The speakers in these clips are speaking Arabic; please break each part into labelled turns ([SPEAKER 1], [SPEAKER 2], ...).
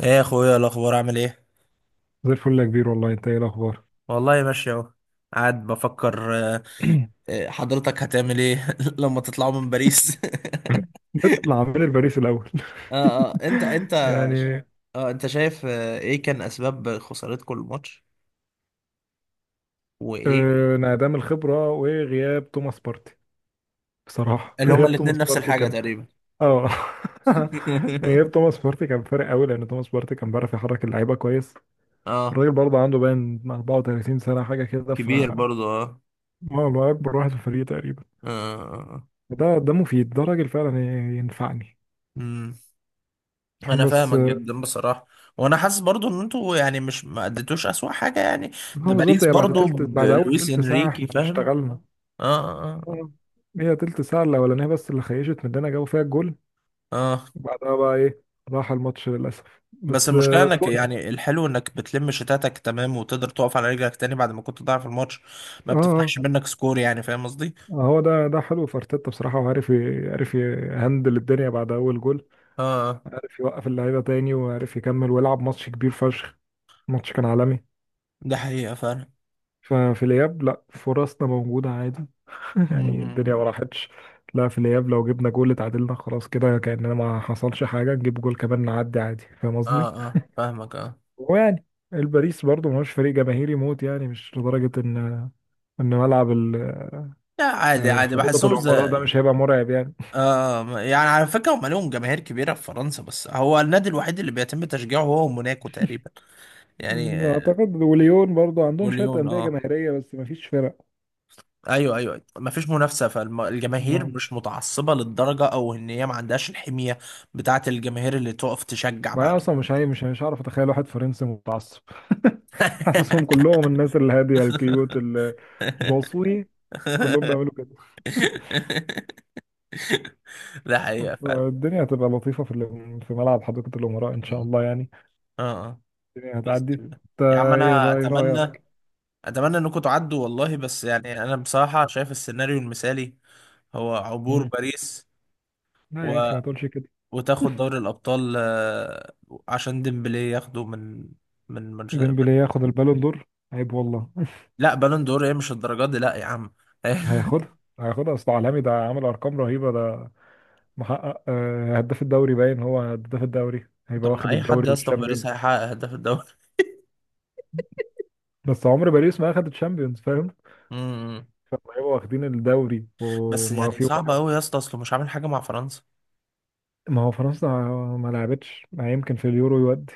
[SPEAKER 1] ايه يا اخويا الاخبار، عامل ايه؟
[SPEAKER 2] زي الفل يا كبير والله. انت ايه الاخبار؟
[SPEAKER 1] والله ماشي اهو. قاعد بفكر. آه، حضرتك هتعمل ايه لما تطلعوا من باريس؟
[SPEAKER 2] نطلع من الباريس الاول.
[SPEAKER 1] اه اه،
[SPEAKER 2] يعني
[SPEAKER 1] انت شايف ايه كان اسباب خسارتكم الماتش، وايه
[SPEAKER 2] انعدام الخبره وغياب توماس بارتي. بصراحه
[SPEAKER 1] اللي هما
[SPEAKER 2] غياب
[SPEAKER 1] الاتنين
[SPEAKER 2] توماس
[SPEAKER 1] نفس
[SPEAKER 2] بارتي
[SPEAKER 1] الحاجة
[SPEAKER 2] كان.
[SPEAKER 1] تقريبا؟
[SPEAKER 2] اه. غياب توماس بارتي كان فارق قوي، لان توماس بارتي كان بيعرف يحرك اللعيبه كويس.
[SPEAKER 1] اه،
[SPEAKER 2] الراجل برضه عنده باين 34 سنه حاجه كده، ف
[SPEAKER 1] كبير برضو. اه
[SPEAKER 2] هو هو اكبر واحد في الفريق تقريبا.
[SPEAKER 1] اه.
[SPEAKER 2] ده مفيد، ده راجل فعلا ينفعني.
[SPEAKER 1] امم انا
[SPEAKER 2] بس
[SPEAKER 1] فاهمك جدا بصراحة. وانا حاسس برضو ان انتوا يعني مش ما اديتوش اسوأ حاجة يعني. ده
[SPEAKER 2] هو بالظبط.
[SPEAKER 1] باريس
[SPEAKER 2] هي
[SPEAKER 1] برضو
[SPEAKER 2] بعد اول
[SPEAKER 1] بلويس
[SPEAKER 2] تلت ساعه
[SPEAKER 1] انريكي،
[SPEAKER 2] احنا
[SPEAKER 1] فاهم.
[SPEAKER 2] اشتغلنا.
[SPEAKER 1] اه اه. آه.
[SPEAKER 2] مم. هي تلت ساعة الأولانية بس اللي خيشت مننا جابوا فيها الجول،
[SPEAKER 1] اه.
[SPEAKER 2] وبعدها بقى إيه، راح الماتش للأسف.
[SPEAKER 1] بس
[SPEAKER 2] بس
[SPEAKER 1] المشكلة انك،
[SPEAKER 2] فوقنا.
[SPEAKER 1] يعني الحلو انك بتلم شتاتك تمام وتقدر تقف على رجلك تاني بعد ما كنت ضايع في الماتش، ما
[SPEAKER 2] آه آه،
[SPEAKER 1] بتفتحش
[SPEAKER 2] طب
[SPEAKER 1] منك سكور، يعني فاهم قصدي؟
[SPEAKER 2] هو ده حلو في أرتيتا بصراحة، وعارف عارف يهندل الدنيا بعد أول جول،
[SPEAKER 1] اه اه.
[SPEAKER 2] عارف يوقف اللعيبة تاني، وعارف يكمل ويلعب ماتش كبير فشخ. الماتش كان عالمي.
[SPEAKER 1] ده حقيقة فعلا.
[SPEAKER 2] ففي الإياب لأ، فرصنا موجودة عادي. يعني الدنيا ما
[SPEAKER 1] مم.
[SPEAKER 2] راحتش. لا، في الإياب لو جبنا جول اتعادلنا، خلاص كده كأننا ما حصلش حاجة، نجيب جول كمان نعدي عادي. فاهم
[SPEAKER 1] اه
[SPEAKER 2] قصدي؟
[SPEAKER 1] اه، فاهمك، اه.
[SPEAKER 2] ويعني الباريس برضه مش فريق جماهيري موت، يعني مش لدرجة ان ملعب
[SPEAKER 1] لا عادي عادي،
[SPEAKER 2] حديقة
[SPEAKER 1] بحسهم
[SPEAKER 2] الامراء ده
[SPEAKER 1] زي.
[SPEAKER 2] مش هيبقى مرعب يعني.
[SPEAKER 1] آه آه. يعني على فكرة هم لهم جماهير كبيرة في فرنسا، بس هو النادي الوحيد اللي بيتم تشجيعه هو موناكو تقريبا، يعني.
[SPEAKER 2] اعتقد وليون برضه عندهم شوية
[SPEAKER 1] وليون،
[SPEAKER 2] أندية
[SPEAKER 1] اه.
[SPEAKER 2] جماهيرية، بس مفيش فرق.
[SPEAKER 1] ايوه ايوه، ما فيش منافسه، فالجماهير
[SPEAKER 2] أمم.
[SPEAKER 1] مش متعصبه للدرجه، او ان هي ما عندهاش الحميه بتاعه الجماهير اللي تقف تشجع بقى.
[SPEAKER 2] بقى اصلا مش، هي مش هعرف اتخيل واحد فرنسي متعصب. حاسسهم كلهم الناس الهادية الكيوت، الجوسوي، كلهم بيعملوا كده.
[SPEAKER 1] ده حقيقه فعلا.
[SPEAKER 2] فالدنيا هتبقى لطيفة في ملعب حديقة الامراء ان شاء الله يعني.
[SPEAKER 1] اه اه.
[SPEAKER 2] الدنيا
[SPEAKER 1] باذن
[SPEAKER 2] هتعدي
[SPEAKER 1] الله.
[SPEAKER 2] انت.
[SPEAKER 1] يا عم
[SPEAKER 2] ايه
[SPEAKER 1] انا
[SPEAKER 2] بقى، ايه رأيك؟
[SPEAKER 1] اتمنى انكم تعدوا والله، بس يعني انا بصراحه شايف السيناريو المثالي هو عبور
[SPEAKER 2] مم.
[SPEAKER 1] باريس
[SPEAKER 2] لا يا
[SPEAKER 1] و...
[SPEAKER 2] اخي ما تقولش كده.
[SPEAKER 1] وتاخد دوري الابطال، عشان ديمبلي ياخده من.
[SPEAKER 2] ديمبلي ياخد البالون دور؟ عيب والله.
[SPEAKER 1] لا، بالون دور ايه؟ مش الدرجات دي، لا يا عم.
[SPEAKER 2] هياخدها هياخدها، اصل عالمي، ده عامل ارقام رهيبه ده. محقق هداف الدوري باين، هو هداف الدوري هيبقى
[SPEAKER 1] طب ما
[SPEAKER 2] واخد
[SPEAKER 1] اي حد
[SPEAKER 2] الدوري
[SPEAKER 1] يا اسطى في باريس
[SPEAKER 2] والشامبيون.
[SPEAKER 1] هيحقق هداف الدوري.
[SPEAKER 2] بس عمر باريس ما اخد الشامبيونز فاهم؟
[SPEAKER 1] امم.
[SPEAKER 2] فهيبقوا واخدين الدوري
[SPEAKER 1] بس
[SPEAKER 2] وما
[SPEAKER 1] يعني
[SPEAKER 2] في
[SPEAKER 1] صعبه
[SPEAKER 2] واحد.
[SPEAKER 1] قوي يا اسطى، اصله مش عامل حاجه مع فرنسا.
[SPEAKER 2] ما هو فرنسا ما لعبتش، ما يمكن في اليورو يودي.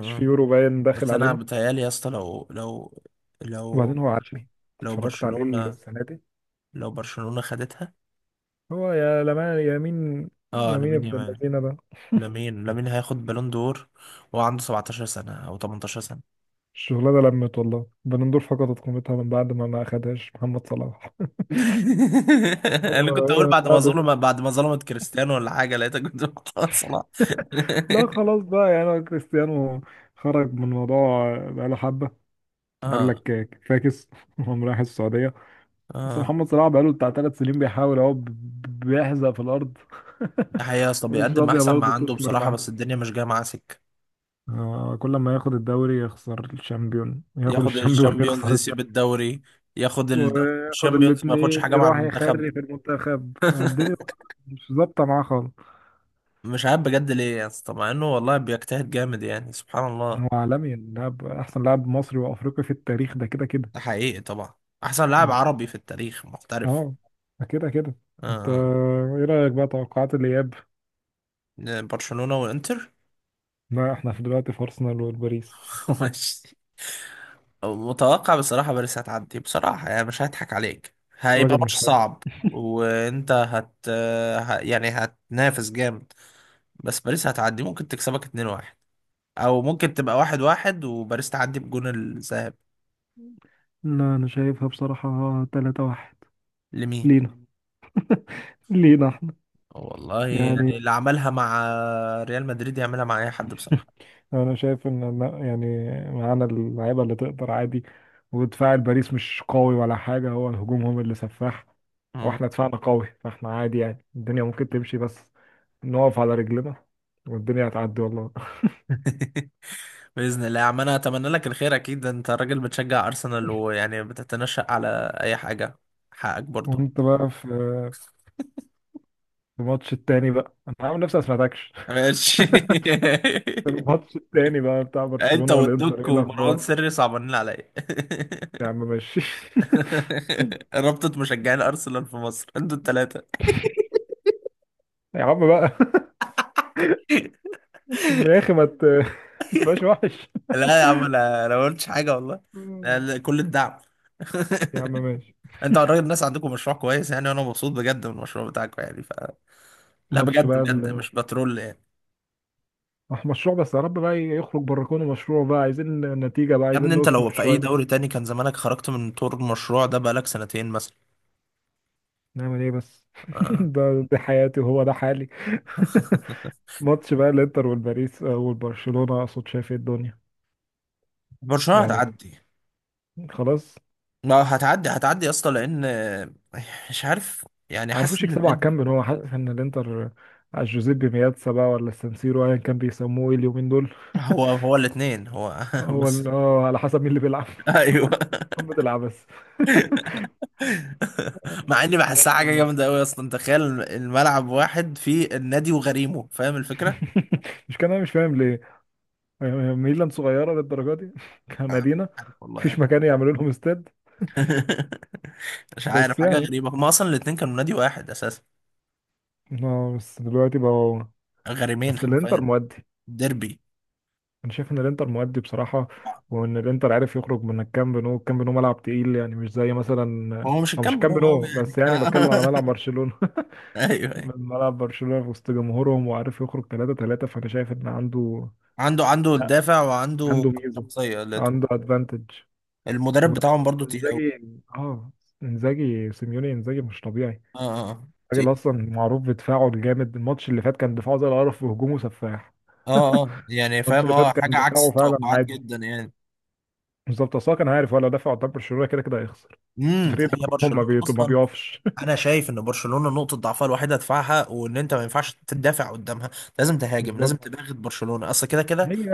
[SPEAKER 2] مش في يورو باين داخل
[SPEAKER 1] بس انا
[SPEAKER 2] علينا.
[SPEAKER 1] بتهيالي يا اسطى لو لو لو
[SPEAKER 2] وبعدين هو عالمي،
[SPEAKER 1] لو
[SPEAKER 2] اتفرجت عليه السنه دي.
[SPEAKER 1] برشلونه خدتها.
[SPEAKER 2] هو يا لمان، يمين
[SPEAKER 1] اه،
[SPEAKER 2] يمين
[SPEAKER 1] لامين
[SPEAKER 2] ابن
[SPEAKER 1] يامال.
[SPEAKER 2] اللذينه ده.
[SPEAKER 1] لامين هياخد بالون دور، وعنده 17 سنه او 18 سنه.
[SPEAKER 2] الشغلانة لمت والله، بنندور فقدت قيمتها من بعد ما أخدهاش محمد صلاح.
[SPEAKER 1] انا
[SPEAKER 2] هو
[SPEAKER 1] كنت
[SPEAKER 2] ايه
[SPEAKER 1] اقول
[SPEAKER 2] من بعد؟
[SPEAKER 1] بعد ما ظلمت كريستيانو ولا حاجه، لقيتك كنت بتقول صلاح.
[SPEAKER 2] لا خلاص بقى، يعني هو كريستيانو خرج من الموضوع بقاله حبة، قال
[SPEAKER 1] اه
[SPEAKER 2] لك فاكس، وقام رايح السعودية. بس
[SPEAKER 1] اه.
[SPEAKER 2] محمد صلاح بقاله بتاع ثلاث سنين بيحاول اهو، بيحزق في الأرض.
[SPEAKER 1] ده حقيقة يا اسطى،
[SPEAKER 2] مش
[SPEAKER 1] بيقدم
[SPEAKER 2] راضية
[SPEAKER 1] احسن ما
[SPEAKER 2] برضه
[SPEAKER 1] عنده
[SPEAKER 2] تثمر
[SPEAKER 1] بصراحة، بس
[SPEAKER 2] معاه.
[SPEAKER 1] الدنيا مش جاية معاه سكة.
[SPEAKER 2] كل ما ياخد الدوري يخسر الشامبيون، ياخد
[SPEAKER 1] ياخد
[SPEAKER 2] الشامبيون
[SPEAKER 1] الشامبيونز
[SPEAKER 2] يخسر
[SPEAKER 1] يسيب
[SPEAKER 2] الدوري،
[SPEAKER 1] الدوري، ياخد الدوري
[SPEAKER 2] وياخد
[SPEAKER 1] الشامبيونز، ما ياخدش
[SPEAKER 2] الاتنين
[SPEAKER 1] حاجة مع
[SPEAKER 2] يروح
[SPEAKER 1] المنتخب.
[SPEAKER 2] يخري في المنتخب. الدنيا مش ظابطة معاه خالص.
[SPEAKER 1] مش عارف بجد ليه يا اسطى، مع انه والله بيجتهد جامد، يعني سبحان الله.
[SPEAKER 2] هو عالمي لاعب، احسن لاعب مصري وافريقي في التاريخ، ده كده كده.
[SPEAKER 1] ده حقيقي طبعا. احسن لاعب عربي في التاريخ محترف.
[SPEAKER 2] اه، ده كده كده. انت
[SPEAKER 1] آه.
[SPEAKER 2] ايه رايك بقى توقعات الاياب؟
[SPEAKER 1] برشلونة والانتر.
[SPEAKER 2] لا احنا في دلوقتي في ارسنال والباريس.
[SPEAKER 1] ماشي. متوقع بصراحة باريس هتعدي بصراحة، يعني مش هضحك عليك، هيبقى
[SPEAKER 2] الراجل
[SPEAKER 1] ماتش
[SPEAKER 2] مش حلو.
[SPEAKER 1] صعب. وانت يعني هتنافس جامد، بس باريس هتعدي. ممكن تكسبك 2-1 او ممكن تبقى 1-1 وباريس تعدي بجون الذهاب.
[SPEAKER 2] لا انا شايفها بصراحة 3 واحد
[SPEAKER 1] لمين؟
[SPEAKER 2] لينا لينا احنا
[SPEAKER 1] والله
[SPEAKER 2] يعني.
[SPEAKER 1] يعني اللي عملها مع ريال مدريد يعملها مع اي حد بصراحة.
[SPEAKER 2] انا شايف ان يعني معانا اللعيبه اللي تقدر عادي، ودفاع الباريس مش قوي ولا حاجه، هو الهجوم هم اللي سفاح،
[SPEAKER 1] مم.
[SPEAKER 2] واحنا دفاعنا قوي، فاحنا عادي يعني الدنيا ممكن تمشي، بس نقف على رجلنا والدنيا هتعدي والله.
[SPEAKER 1] بإذن الله يا عم، أنا أتمنى لك الخير، أكيد أنت راجل بتشجع أرسنال ويعني بتتنشأ على أي حاجة، حقك برضو.
[SPEAKER 2] وانت بقى في الماتش التاني بقى، انا عامل نفسي ما سمعتكش.
[SPEAKER 1] ماشي.
[SPEAKER 2] في الماتش التاني بقى بتاع
[SPEAKER 1] أنت
[SPEAKER 2] برشلونه والانتر،
[SPEAKER 1] والدك
[SPEAKER 2] ايه
[SPEAKER 1] ومروان
[SPEAKER 2] الاخبار؟
[SPEAKER 1] سري صعبانين عليا.
[SPEAKER 2] يا عم ماشي.
[SPEAKER 1] رابطة مشجعين أرسنال في مصر أنتوا التلاتة.
[SPEAKER 2] يا عم بقى. يا اخي ما ما تبقاش وحش.
[SPEAKER 1] لا يا عم، انا ما قلتش حاجه والله. أنا كل الدعم.
[SPEAKER 2] يا عم ماشي.
[SPEAKER 1] انت الراجل، الناس عندكم مشروع كويس يعني، وانا مبسوط بجد من المشروع بتاعكم يعني، ف. لا
[SPEAKER 2] ماتش
[SPEAKER 1] بجد
[SPEAKER 2] بقى،
[SPEAKER 1] بجد، مش بترول يعني.
[SPEAKER 2] مش مشروع بس، يا رب بقى يخرج بره كونه مشروع بقى، عايزين نتيجة بقى،
[SPEAKER 1] يا ابني
[SPEAKER 2] عايزين
[SPEAKER 1] انت لو
[SPEAKER 2] نثمر
[SPEAKER 1] في اي
[SPEAKER 2] شوية.
[SPEAKER 1] دوري تاني كان زمانك خرجت من طور المشروع ده بقالك سنتين مثلا.
[SPEAKER 2] نعمل ايه بس؟
[SPEAKER 1] آه.
[SPEAKER 2] دي حياتي وهو ده حالي. ماتش بقى الانتر والباريس والبرشلونة اقصد، شايف ايه الدنيا؟
[SPEAKER 1] برشلونه
[SPEAKER 2] يعني
[SPEAKER 1] هتعدي.
[SPEAKER 2] خلاص.
[SPEAKER 1] ما هتعدي، هتعدي يا اسطى، لان. آه، مش عارف يعني، حاسس
[SPEAKER 2] عارفوش
[SPEAKER 1] ان
[SPEAKER 2] يكسبوا على الكامب، ان هو حاسس ان الانتر على جوزيبي مياتسا بقى ولا السانسيرو، ايا كان بيسموه إيه اليومين دول؟
[SPEAKER 1] هو هو الاثنين هو.
[SPEAKER 2] هو
[SPEAKER 1] بس،
[SPEAKER 2] ال- اه على حسب مين اللي بيلعب.
[SPEAKER 1] ايوه.
[SPEAKER 2] قمة العبث.
[SPEAKER 1] مع اني بحسها حاجه جامده قوي اصلا، تخيل الملعب واحد فيه النادي وغريمه، فاهم الفكره؟
[SPEAKER 2] مش كان، انا مش فاهم ليه ميلان صغيرة للدرجة دي،
[SPEAKER 1] مش
[SPEAKER 2] كمدينة،
[SPEAKER 1] عارف والله
[SPEAKER 2] مفيش
[SPEAKER 1] يعني.
[SPEAKER 2] مكان يعملوا لهم استاد.
[SPEAKER 1] مش عارف،
[SPEAKER 2] بس
[SPEAKER 1] حاجه
[SPEAKER 2] يعني،
[SPEAKER 1] غريبه، هما اصلا الاتنين كانوا نادي واحد اساسا.
[SPEAKER 2] اه بس دلوقتي بقى،
[SPEAKER 1] غريمين
[SPEAKER 2] بس الانتر
[SPEAKER 1] حرفيا.
[SPEAKER 2] مؤدي.
[SPEAKER 1] ديربي.
[SPEAKER 2] انا شايف ان الانتر مؤدي بصراحة، وان الانتر عارف يخرج من الكامب نو. الكامب نو ملعب تقيل، يعني مش زي مثلا،
[SPEAKER 1] هو مش
[SPEAKER 2] او مش
[SPEAKER 1] الكامب،
[SPEAKER 2] كامب
[SPEAKER 1] هو قوي
[SPEAKER 2] نو
[SPEAKER 1] يعني.
[SPEAKER 2] بس، يعني بتكلم على ملعب برشلونة.
[SPEAKER 1] ايوه
[SPEAKER 2] من
[SPEAKER 1] ايوه.
[SPEAKER 2] ملعب برشلونة في وسط جمهورهم وعارف يخرج 3-3، فانا شايف ان عنده
[SPEAKER 1] عنده الدافع وعنده
[SPEAKER 2] عنده ميزة،
[SPEAKER 1] الشخصيه
[SPEAKER 2] عنده ادفانتج.
[SPEAKER 1] المدرب بتاعهم برضو تقيل قوي.
[SPEAKER 2] وانزاجي، اه، انزاجي سيميوني، انزاجي مش طبيعي.
[SPEAKER 1] اه اه.
[SPEAKER 2] الراجل
[SPEAKER 1] تقيل.
[SPEAKER 2] اصلا معروف بدفاعه الجامد، الماتش اللي فات كان دفاعه زي القرف وهجومه سفاح.
[SPEAKER 1] اه اه، يعني
[SPEAKER 2] الماتش
[SPEAKER 1] فاهم،
[SPEAKER 2] اللي فات
[SPEAKER 1] اه،
[SPEAKER 2] كان
[SPEAKER 1] حاجه عكس
[SPEAKER 2] دفاعه فعلا
[SPEAKER 1] التوقعات
[SPEAKER 2] عادي.
[SPEAKER 1] جدا يعني.
[SPEAKER 2] بالظبط، اصلا كان عارف هو لو دفع قدام برشلونه كده كده هيخسر. بس فريق
[SPEAKER 1] هي
[SPEAKER 2] ده
[SPEAKER 1] برشلونه
[SPEAKER 2] ما
[SPEAKER 1] اصلا.
[SPEAKER 2] بيقفش.
[SPEAKER 1] انا شايف ان برشلونه نقطه ضعفها الوحيده دفاعها، وان انت ما ينفعش تدافع قدامها، لازم تهاجم، لازم
[SPEAKER 2] بالظبط،
[SPEAKER 1] تباغت برشلونه، اصل كده كده.
[SPEAKER 2] هي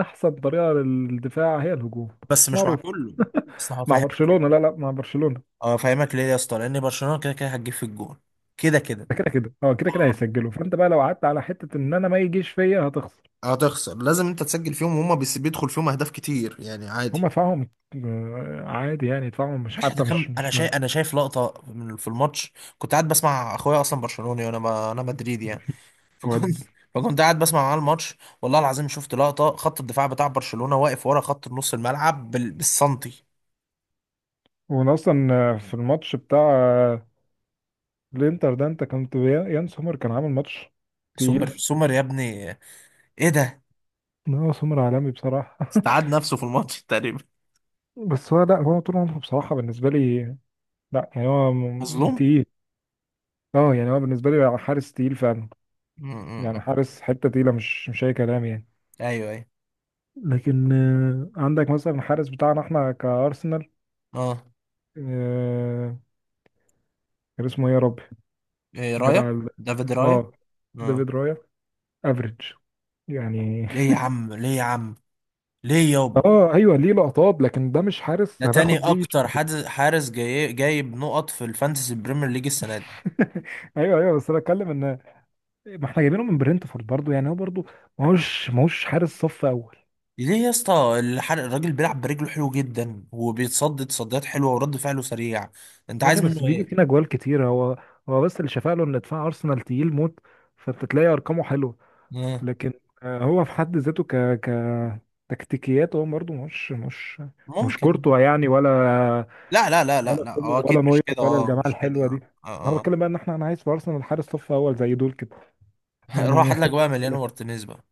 [SPEAKER 2] احسن طريقه للدفاع هي الهجوم،
[SPEAKER 1] بس مش مع
[SPEAKER 2] معروف.
[SPEAKER 1] كله. اصل
[SPEAKER 2] مع
[SPEAKER 1] هفهمك
[SPEAKER 2] برشلونه
[SPEAKER 1] ليه.
[SPEAKER 2] لا لا، مع برشلونه
[SPEAKER 1] اه، هفهمك ليه يا اسطى، لان برشلونه كده كده هتجيب في الجون، كده كده.
[SPEAKER 2] ده كده كده، اه كده كده
[SPEAKER 1] اه.
[SPEAKER 2] هيسجلوا، فانت بقى لو قعدت على حته ان انا ما يجيش فيا هتخسر.
[SPEAKER 1] هتخسر، لازم انت تسجل فيهم، بيدخل فيهم اهداف كتير، يعني عادي.
[SPEAKER 2] هما دفاعهم عادي يعني، دفاعهم مش
[SPEAKER 1] مش
[SPEAKER 2] حتى مش
[SPEAKER 1] هتكمل.
[SPEAKER 2] مش من.
[SPEAKER 1] انا شايف لقطه من في الماتش. كنت قاعد بسمع اخويا، اصلا برشلوني، وانا ما... انا مدريدي يعني. فكنت
[SPEAKER 2] ودي،
[SPEAKER 1] فكنت قاعد بسمع معاه الماتش. والله العظيم، شفت لقطة، خط الدفاع بتاع برشلونة واقف ورا خط نص الملعب بالسنتي.
[SPEAKER 2] وانا اصلا في الماتش بتاع الانتر ده، انت كنت، يان سومر كان عامل ماتش تقيل.
[SPEAKER 1] سومر، سومر يا ابني. ايه ده؟
[SPEAKER 2] لا سومر عالمي بصراحة.
[SPEAKER 1] استعاد نفسه في الماتش تقريبا.
[SPEAKER 2] بس هو، لا هو طول عمره بصراحة بالنسبة لي، لا يعني هو
[SPEAKER 1] مظلوم.
[SPEAKER 2] تقيل. اه، يعني هو بالنسبة لي حارس تقيل فعلا،
[SPEAKER 1] م- م-
[SPEAKER 2] يعني
[SPEAKER 1] م.
[SPEAKER 2] حارس حتة تقيلة، مش أي كلام يعني.
[SPEAKER 1] ايوه ايوه،
[SPEAKER 2] لكن عندك مثلا الحارس بتاعنا احنا كأرسنال،
[SPEAKER 1] اه.
[SPEAKER 2] آه، كان اسمه ايه يا ربي؟
[SPEAKER 1] إيه، رايا.
[SPEAKER 2] جدع
[SPEAKER 1] دافيد رايا.
[SPEAKER 2] اه
[SPEAKER 1] اه.
[SPEAKER 2] ديفيد رايا. افريج يعني.
[SPEAKER 1] ليه يا عم، ليه يا عم، ليه يابا؟
[SPEAKER 2] اه ايوه، ليه لقطات، لكن ده مش
[SPEAKER 1] ده
[SPEAKER 2] حارس
[SPEAKER 1] تاني
[SPEAKER 2] هناخد بيه.
[SPEAKER 1] اكتر حد حارس جايب نقط في الفانتسي بريمير ليج السنة دي.
[SPEAKER 2] ايوه ايوه، بس انا اتكلم ان، ما احنا جايبينه من برنتفورد برضو، يعني هو برضو ماهوش حارس صف اول.
[SPEAKER 1] ليه يا اسطى الحرق؟ الراجل بيلعب برجله حلو جدا، وبيتصدد تصديات حلوه، ورد فعله سريع، انت
[SPEAKER 2] يا اخي
[SPEAKER 1] عايز
[SPEAKER 2] بس
[SPEAKER 1] منه
[SPEAKER 2] بيجي
[SPEAKER 1] ايه؟
[SPEAKER 2] فينا جوال كتير هو. هو بس اللي شفاله ان دفاع ارسنال تقيل موت، فانت تلاقي ارقامه حلوه.
[SPEAKER 1] آه.
[SPEAKER 2] لكن هو في حد ذاته ك ك تكتيكيات هو برضو مش
[SPEAKER 1] ممكن.
[SPEAKER 2] كورتوا يعني، ولا
[SPEAKER 1] لا لا لا لا
[SPEAKER 2] ولا
[SPEAKER 1] لا، اه
[SPEAKER 2] سومر ولا
[SPEAKER 1] اكيد مش
[SPEAKER 2] نوير
[SPEAKER 1] كده،
[SPEAKER 2] ولا
[SPEAKER 1] اه
[SPEAKER 2] الجماعه
[SPEAKER 1] مش كده،
[SPEAKER 2] الحلوه دي. ما انا
[SPEAKER 1] اه اه.
[SPEAKER 2] بتكلم بقى ان انا عايز في ارسنال حارس صف اول زي دول كده
[SPEAKER 1] آه. روح
[SPEAKER 2] يعني.
[SPEAKER 1] هات لك بقى مليانو مارتينيز بقى.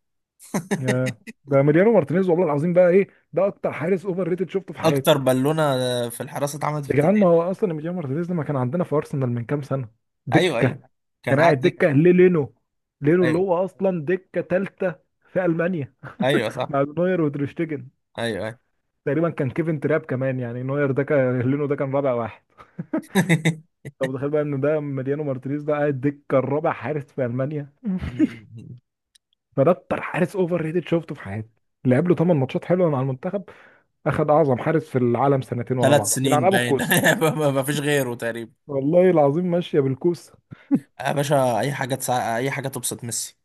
[SPEAKER 2] يا، ده ماريانو مارتينيز والله العظيم بقى ايه؟ ده اكتر حارس اوفر ريتد شفته في حياتي.
[SPEAKER 1] اكتر بالونه في الحراسه اتعملت في
[SPEAKER 2] يا جدعان ما هو
[SPEAKER 1] التاريخ.
[SPEAKER 2] اصلا ماريانو مارتينيز لما كان عندنا في ارسنال من كام سنه،
[SPEAKER 1] ايوه
[SPEAKER 2] دكه،
[SPEAKER 1] ايوه، كان
[SPEAKER 2] كان قاعد دكه
[SPEAKER 1] عندك.
[SPEAKER 2] للينو، لينو اللي
[SPEAKER 1] ايوه
[SPEAKER 2] هو اصلا دكه ثالثه في المانيا
[SPEAKER 1] ايوه صح.
[SPEAKER 2] مع نوير وتريشتيجن،
[SPEAKER 1] ايوه ايوه.
[SPEAKER 2] تقريبا كان كيفن تراب كمان، يعني نوير ده كان، لينو ده كان رابع واحد. طب تخيل بقى ان ده ماريانو مارتينيز ده قاعد دكه الرابع حارس في المانيا. فده اكتر حارس اوفر ريتد شفته في حياتي. لعب له 8 ماتشات حلوه مع المنتخب، اخد اعظم حارس في العالم سنتين ورا
[SPEAKER 1] ثلاث
[SPEAKER 2] بعض، يلعن
[SPEAKER 1] سنين
[SPEAKER 2] ابو
[SPEAKER 1] باين،
[SPEAKER 2] الكوسه.
[SPEAKER 1] ما فيش غيره تقريبا.
[SPEAKER 2] والله العظيم ماشيه بالكوسه.
[SPEAKER 1] يا باشا اي حاجه تبسط ميسي.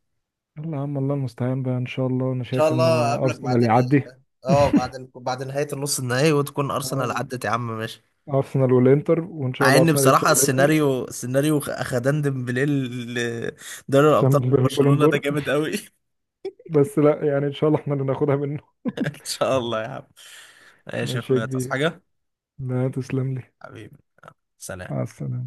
[SPEAKER 2] يلا يا عم، الله المستعان بقى، ان شاء الله، انا
[SPEAKER 1] ان شاء
[SPEAKER 2] شايف
[SPEAKER 1] الله
[SPEAKER 2] ان
[SPEAKER 1] اقابلك
[SPEAKER 2] ارسنال يعدي.
[SPEAKER 1] اه، بعد نهاية النص النهائي، وتكون ارسنال
[SPEAKER 2] آه،
[SPEAKER 1] عدت، يا عم ماشي.
[SPEAKER 2] ارسنال والانتر، وان شاء
[SPEAKER 1] مع
[SPEAKER 2] الله
[SPEAKER 1] ان
[SPEAKER 2] ارسنال
[SPEAKER 1] بصراحة،
[SPEAKER 2] يكسب الانتر،
[SPEAKER 1] السيناريو، سيناريو اخدان ديمبلي دوري الابطال
[SPEAKER 2] عشان
[SPEAKER 1] في
[SPEAKER 2] البالون
[SPEAKER 1] برشلونة، ده
[SPEAKER 2] دور.
[SPEAKER 1] جامد قوي.
[SPEAKER 2] بس لا يعني، ان شاء الله احنا اللي ناخدها منه.
[SPEAKER 1] ان شاء الله يا عم. ماشي يا
[SPEAKER 2] ماشي يا
[SPEAKER 1] اخويا، تصحى
[SPEAKER 2] كبير.
[SPEAKER 1] حاجة.
[SPEAKER 2] لا، تسلم لي.
[SPEAKER 1] حبيبي. سلام.
[SPEAKER 2] مع السلامه.